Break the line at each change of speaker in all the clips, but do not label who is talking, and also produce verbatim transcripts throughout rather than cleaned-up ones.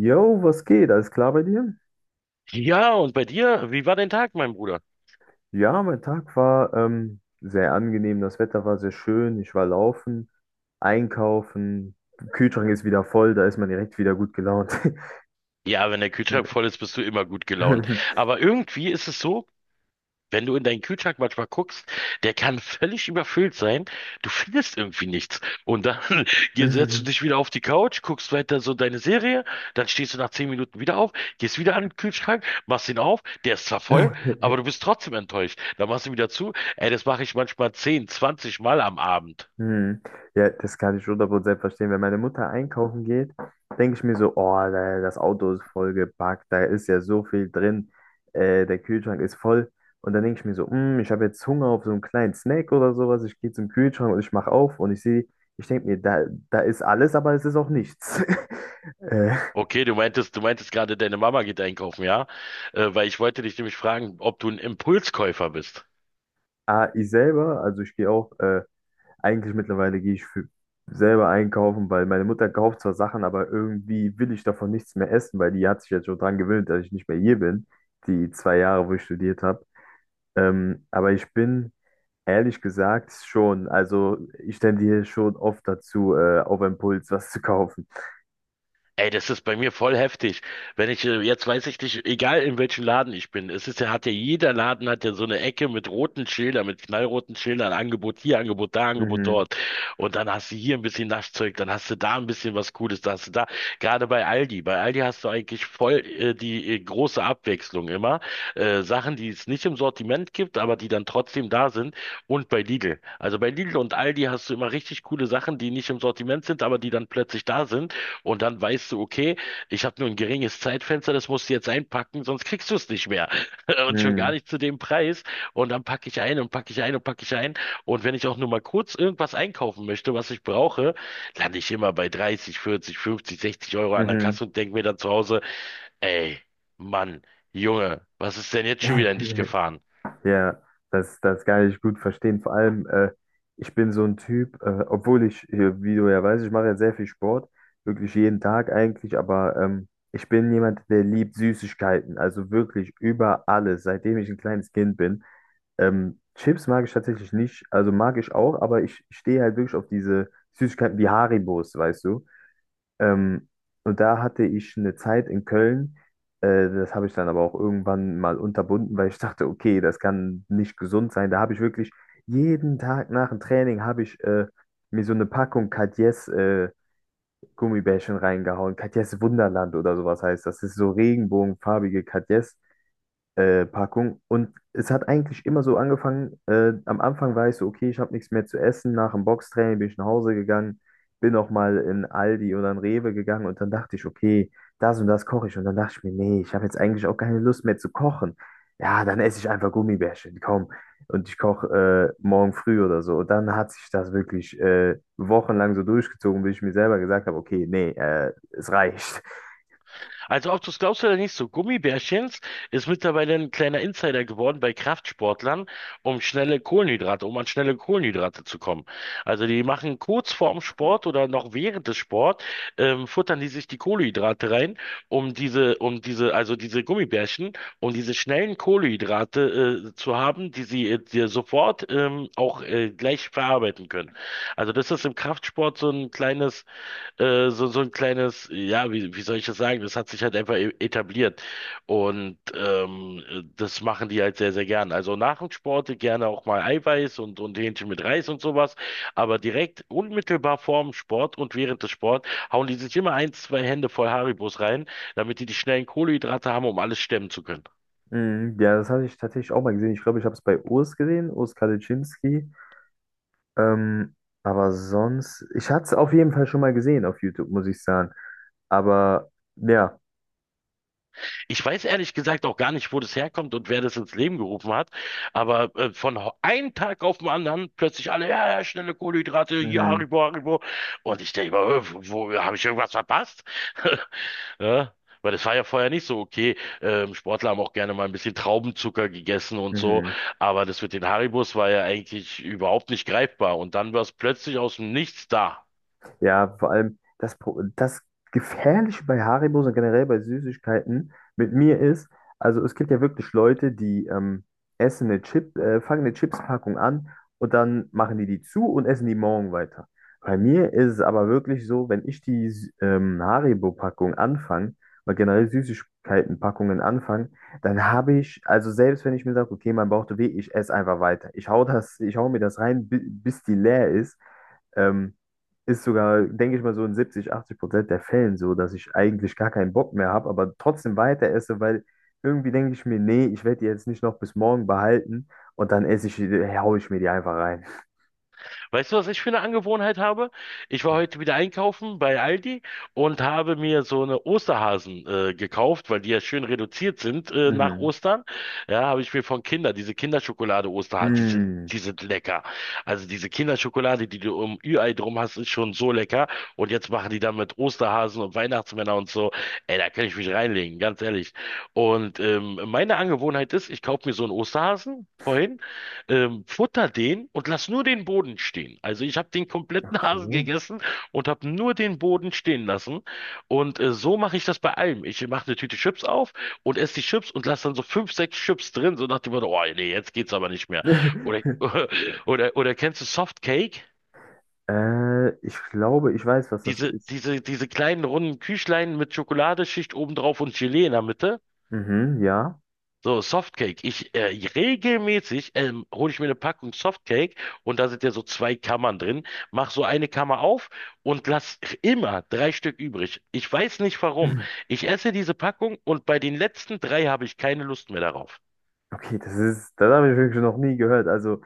Jo, was geht? Alles klar bei dir?
Ja, und bei dir? Wie war dein Tag, mein Bruder?
Ja, mein Tag war ähm, sehr angenehm. Das Wetter war sehr schön. Ich war laufen, einkaufen. Kühlschrank ist wieder voll. Da ist man direkt wieder gut gelaunt.
Ja, wenn der Kühlschrank voll ist, bist du immer gut gelaunt. Aber irgendwie ist es so, wenn du in deinen Kühlschrank manchmal guckst, der kann völlig überfüllt sein. Du findest irgendwie nichts. Und dann hier setzt du dich wieder auf die Couch, guckst weiter so deine Serie, dann stehst du nach zehn Minuten wieder auf, gehst wieder an den Kühlschrank, machst ihn auf, der ist zwar voll, aber du bist trotzdem enttäuscht. Dann machst du ihn wieder zu. Ey, das mache ich manchmal zehn, zwanzig Mal am Abend.
Hm. Ja, das kann ich hundert Prozent verstehen. Wenn meine Mutter einkaufen geht, denke ich mir so, oh, da- das Auto ist vollgepackt, da ist ja so viel drin, äh, der Kühlschrank ist voll. Und dann denke ich mir so, hm, ich habe jetzt Hunger auf so einen kleinen Snack oder sowas. Ich gehe zum Kühlschrank und ich mache auf und ich sehe, ich denke mir, da, da ist alles, aber es ist auch nichts. äh,
Okay, du meintest, du meintest gerade, deine Mama geht einkaufen, ja? Äh, weil ich wollte dich nämlich fragen, ob du ein Impulskäufer bist.
ah, ich selber, also ich gehe auch. äh, Eigentlich mittlerweile gehe ich für selber einkaufen, weil meine Mutter kauft zwar Sachen, aber irgendwie will ich davon nichts mehr essen, weil die hat sich jetzt schon dran gewöhnt, dass ich nicht mehr hier bin, die zwei Jahre, wo ich studiert habe. Ähm, aber ich bin ehrlich gesagt schon, also ich tendiere schon oft dazu, äh, auf Impuls was zu kaufen.
Ey, das ist bei mir voll heftig. Wenn ich, äh, jetzt weiß ich nicht, egal in welchem Laden ich bin, es ist ja, hat ja jeder Laden hat ja so eine Ecke mit roten Schildern, mit knallroten Schildern, Angebot hier, Angebot da, Angebot
Mhm.
dort. Und dann hast du hier ein bisschen Naschzeug, dann hast du da ein bisschen was Cooles, da hast du da. Gerade bei Aldi. Bei Aldi hast du eigentlich voll äh, die äh, große Abwechslung immer. Äh, Sachen, die es nicht im Sortiment gibt, aber die dann trotzdem da sind. Und bei Lidl. Also bei Lidl und Aldi hast du immer richtig coole Sachen, die nicht im Sortiment sind, aber die dann plötzlich da sind. Und dann weißt du, okay, ich habe nur ein geringes Zeitfenster, das musst du jetzt einpacken, sonst kriegst du es nicht mehr. Und schon gar
Mhm.
nicht zu dem Preis. Und dann packe ich ein und packe ich ein und packe ich ein. Und wenn ich auch nur mal kurz irgendwas einkaufen möchte, was ich brauche, lande ich immer bei dreißig, vierzig, fünfzig, sechzig Euro an der
Mhm.
Kasse und denke mir dann zu Hause, ey, Mann, Junge, was ist denn jetzt schon wieder in dich gefahren?
Ja, das, das kann ich gut verstehen. Vor allem, äh, ich bin so ein Typ, äh, obwohl ich, äh, wie du ja weißt, ich mache ja sehr viel Sport, wirklich jeden Tag eigentlich, aber ähm, ich bin jemand, der liebt Süßigkeiten, also wirklich über alles, seitdem ich ein kleines Kind bin. Ähm, Chips mag ich tatsächlich nicht, also mag ich auch, aber ich stehe halt wirklich auf diese Süßigkeiten wie Haribos, weißt du? Ähm, und da hatte ich eine Zeit in Köln. Äh, das habe ich dann aber auch irgendwann mal unterbunden, weil ich dachte, okay, das kann nicht gesund sein. Da habe ich wirklich jeden Tag nach dem Training habe ich äh, mir so eine Packung Katjes äh, Gummibärchen reingehauen. Katjes Wunderland oder sowas heißt das. Das ist so regenbogenfarbige Katjes äh, Packung. Und es hat eigentlich immer so angefangen. Äh, am Anfang war ich so, okay, ich habe nichts mehr zu essen. Nach dem Boxtraining bin ich nach Hause gegangen, bin auch mal in Aldi oder in Rewe gegangen und dann dachte ich, okay, das und das koche ich. Und dann dachte ich mir, nee, ich habe jetzt eigentlich auch keine Lust mehr zu kochen. Ja, dann esse ich einfach Gummibärchen, komm. Und ich koche äh, morgen früh oder so. Und dann hat sich das wirklich äh, wochenlang so durchgezogen, bis ich mir selber gesagt habe, okay, nee, äh, es reicht.
Also ob du es glaubst oder nicht, so Gummibärchens ist mittlerweile ein kleiner Insider geworden bei Kraftsportlern, um schnelle Kohlenhydrate, um an schnelle Kohlenhydrate zu kommen. Also die machen kurz vorm Sport oder noch während des Sport, ähm, futtern die sich die Kohlenhydrate rein, um diese, um diese, also diese Gummibärchen, um diese schnellen Kohlenhydrate, äh, zu haben, die sie äh, dir sofort, ähm, auch, äh, gleich verarbeiten können. Also das ist im Kraftsport so ein kleines äh, so, so ein kleines, ja, wie, wie soll ich das sagen? Das hat sich halt einfach e- etabliert. Und ähm, äh, das machen die halt sehr, sehr gern. Also nach dem Sport gerne auch mal Eiweiß und, und Hähnchen mit Reis und sowas. Aber direkt unmittelbar vorm Sport und während des Sport hauen die sich immer ein, zwei Hände voll Haribos rein, damit die die schnellen Kohlenhydrate haben, um alles stemmen zu können.
Mhm, ja, das hatte ich tatsächlich auch mal gesehen. Ich glaube, ich habe es bei Urs gesehen, Urs Kadeczynski. Ähm, aber sonst, ich hatte es auf jeden Fall schon mal gesehen auf YouTube, muss ich sagen. Aber ja,
Ich weiß ehrlich gesagt auch gar nicht, wo das herkommt und wer das ins Leben gerufen hat, aber äh, von ho- einem Tag auf den anderen plötzlich alle, ja, ja, schnelle Kohlenhydrate, hier
mhm,
Haribo, Haribo. Und ich denke mir, äh, wo, wo habe ich irgendwas verpasst? Ja, weil das war ja vorher nicht so okay. Ähm, Sportler haben auch gerne mal ein bisschen Traubenzucker gegessen und so,
mhm.
aber das mit den Haribos war ja eigentlich überhaupt nicht greifbar und dann war es plötzlich aus dem Nichts da.
Ja, vor allem das, Pro- das Gefährliche bei Haribos und generell bei Süßigkeiten mit mir ist, also es gibt ja wirklich Leute, die ähm, essen eine Chip, äh, fangen eine Chipspackung an und dann machen die die zu und essen die morgen weiter. Bei mir ist es aber wirklich so, wenn ich die Sü- ähm, Haribo-Packung anfange, oder generell Süßigkeiten-Packungen anfange, dann habe ich, also selbst wenn ich mir sage, okay, mein Bauch tut weh, ich esse einfach weiter. Ich hau das, ich hau mir das rein, bi- bis die leer ist. Ähm, ist sogar, denke ich mal, so in siebzig achtzig Prozent der Fällen so, dass ich eigentlich gar keinen Bock mehr habe, aber trotzdem weiter esse, weil irgendwie denke ich mir, nee, ich werde die jetzt nicht noch bis morgen behalten und dann esse ich, die- hau ich mir die einfach rein.
Weißt du, was ich für eine Angewohnheit habe? Ich war heute wieder einkaufen bei Aldi und habe mir so eine Osterhasen äh, gekauft, weil die ja schön reduziert sind äh, nach
Mhm.
Ostern. Ja, habe ich mir von Kinder, diese Kinderschokolade Osterhasen, die sind,
Mhm.
die sind lecker. Also diese Kinderschokolade, die du um Ü-Ei drum hast, ist schon so lecker. Und jetzt machen die dann mit Osterhasen und Weihnachtsmänner und so. Ey, da kann ich mich reinlegen, ganz ehrlich. Und ähm, meine Angewohnheit ist, ich kaufe mir so einen Osterhasen. Vorhin ähm, futter den und lass nur den Boden stehen. Also ich habe den kompletten Hasen
Okay.
gegessen und habe nur den Boden stehen lassen. Und äh, so mache ich das bei allem. Ich mache eine Tüte Chips auf und esse die Chips und lasse dann so fünf, sechs Chips drin, so nach dem Motto, oh nee, jetzt geht's aber nicht mehr. Oder, oder, oder kennst du Softcake?
äh, ich glaube, ich weiß, was das
Diese,
ist.
diese, diese kleinen runden Küchlein mit Schokoladeschicht obendrauf und Gelee in der Mitte.
Mhm, ja.
So, Softcake. Ich äh, regelmäßig ähm, hole ich mir eine Packung Softcake und da sind ja so zwei Kammern drin. Mach so eine Kammer auf und lass immer drei Stück übrig. Ich weiß nicht warum. Ich esse diese Packung und bei den letzten drei habe ich keine Lust mehr darauf.
Okay, das ist, das habe ich wirklich noch nie gehört. Also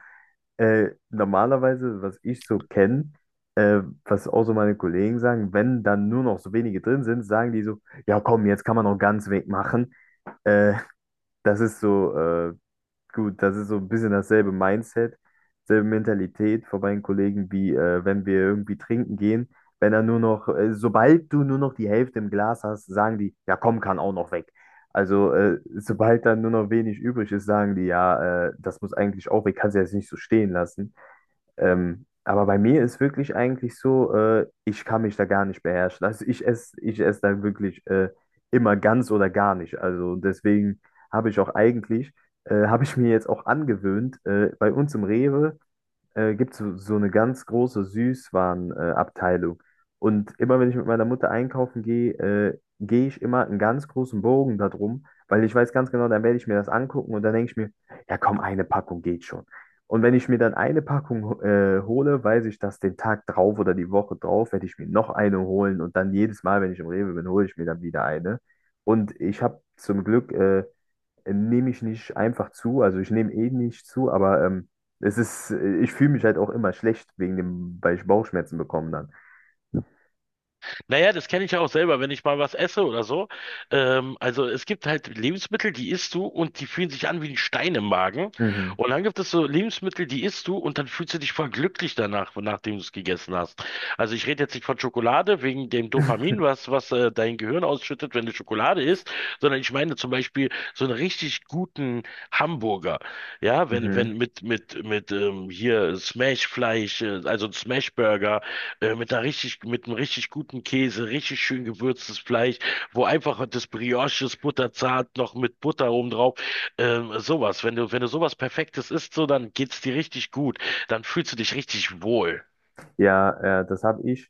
Äh, normalerweise, was ich so kenne, äh, was auch so meine Kollegen sagen, wenn dann nur noch so wenige drin sind, sagen die so, ja komm, jetzt kann man noch ganz weg machen. Äh, das ist so, äh, gut, das ist so ein bisschen dasselbe Mindset, selbe Mentalität von meinen Kollegen, wie äh, wenn wir irgendwie trinken gehen. Wenn dann nur noch, äh, sobald du nur noch die Hälfte im Glas hast, sagen die, ja komm, kann auch noch weg. Also, äh, sobald dann nur noch wenig übrig ist, sagen die, ja, äh, das muss eigentlich auch weg, kannst du jetzt nicht so stehen lassen. Ähm, aber bei mir ist wirklich eigentlich so, äh, ich kann mich da gar nicht beherrschen. Also ich esse, ich esse da wirklich äh, immer ganz oder gar nicht. Also deswegen habe ich auch eigentlich, äh, habe ich mir jetzt auch angewöhnt, äh, bei uns im Rewe äh, gibt es so, so eine ganz große Süßwarenabteilung. Äh, Abteilung. und immer wenn ich mit meiner Mutter einkaufen gehe, äh, gehe ich immer einen ganz großen Bogen darum, weil ich weiß ganz genau, dann werde ich mir das angucken und dann denke ich mir, ja komm, eine Packung geht schon. Und wenn ich mir dann eine Packung äh, hole, weiß ich, dass den Tag drauf oder die Woche drauf werde ich mir noch eine holen und dann jedes Mal, wenn ich im Rewe bin, hole ich mir dann wieder eine. Und ich habe zum Glück äh, äh, nehme ich nicht einfach zu. Also ich nehme eh nicht zu, aber ähm, es ist, äh, ich fühle mich halt auch immer schlecht wegen dem, weil ich Bauchschmerzen bekomme dann.
Naja, das kenne ich ja auch selber, wenn ich mal was esse oder so. Ähm, also es gibt halt Lebensmittel, die isst du und die fühlen sich an wie ein Stein im Magen.
Mhm.
Und dann gibt es so Lebensmittel, die isst du und dann fühlst du dich voll glücklich danach, nachdem du es gegessen hast. Also ich rede jetzt nicht von Schokolade wegen dem Dopamin, was, was äh, dein Gehirn ausschüttet, wenn du Schokolade isst, sondern ich meine zum Beispiel so einen richtig guten Hamburger. Ja, wenn,
Mhm.
wenn mit, mit, mit ähm, hier Smashfleisch, äh, also ein Smashburger äh, mit einer richtig, mit einem richtig guten Käse, richtig schön gewürztes Fleisch, wo einfach das Brioche ist butterzart, noch mit Butter oben drauf. Ähm, sowas. Wenn du, wenn du sowas Perfektes isst, so, dann geht's dir richtig gut. Dann fühlst du dich richtig wohl.
Ja, äh, das habe ich.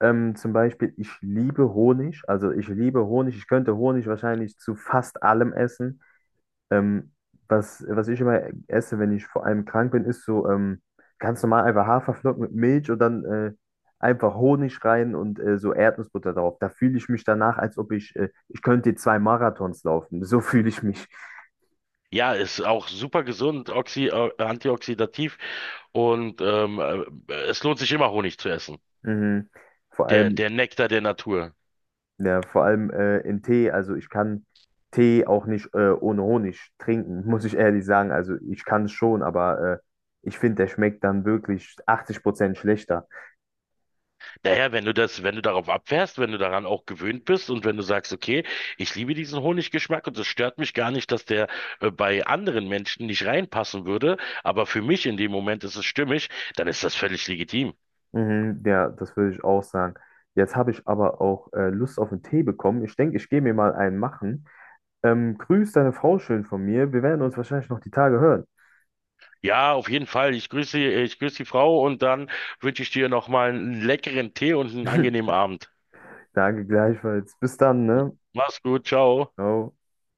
Ähm, zum Beispiel, ich liebe Honig. Also ich liebe Honig. Ich könnte Honig wahrscheinlich zu fast allem essen. Ähm, was, was ich immer esse, wenn ich vor allem krank bin, ist so ähm, ganz normal einfach Haferflocken mit Milch und dann äh, einfach Honig rein und äh, so Erdnussbutter drauf. Da fühle ich mich danach, als ob ich, äh, ich könnte zwei Marathons laufen. So fühle ich mich.
Ja, ist auch super gesund, oxi, äh, antioxidativ und ähm, äh, es lohnt sich immer Honig zu essen.
Mhm. Vor
Der,
allem,
der Nektar der Natur.
ja, vor allem äh, in Tee. Also ich kann Tee auch nicht äh, ohne Honig trinken, muss ich ehrlich sagen. Also ich kann es schon, aber äh, ich finde, der schmeckt dann wirklich achtzig Prozent schlechter.
Naja, wenn du das, wenn du darauf abfährst, wenn du daran auch gewöhnt bist und wenn du sagst, okay, ich liebe diesen Honiggeschmack und es stört mich gar nicht, dass der äh, bei anderen Menschen nicht reinpassen würde, aber für mich in dem Moment ist es stimmig, dann ist das völlig legitim.
Mhm, ja, das würde ich auch sagen. Jetzt habe ich aber auch äh, Lust auf einen Tee bekommen. Ich denke, ich gehe mir mal einen machen. Ähm, grüß deine Frau schön von mir. Wir werden uns wahrscheinlich noch die Tage hören.
Ja, auf jeden Fall. Ich grüße, ich grüße die Frau und dann wünsche ich dir nochmal einen leckeren Tee und einen angenehmen Abend.
Danke gleichfalls. Bis dann, ne?
Mach's gut, ciao.
Ciao.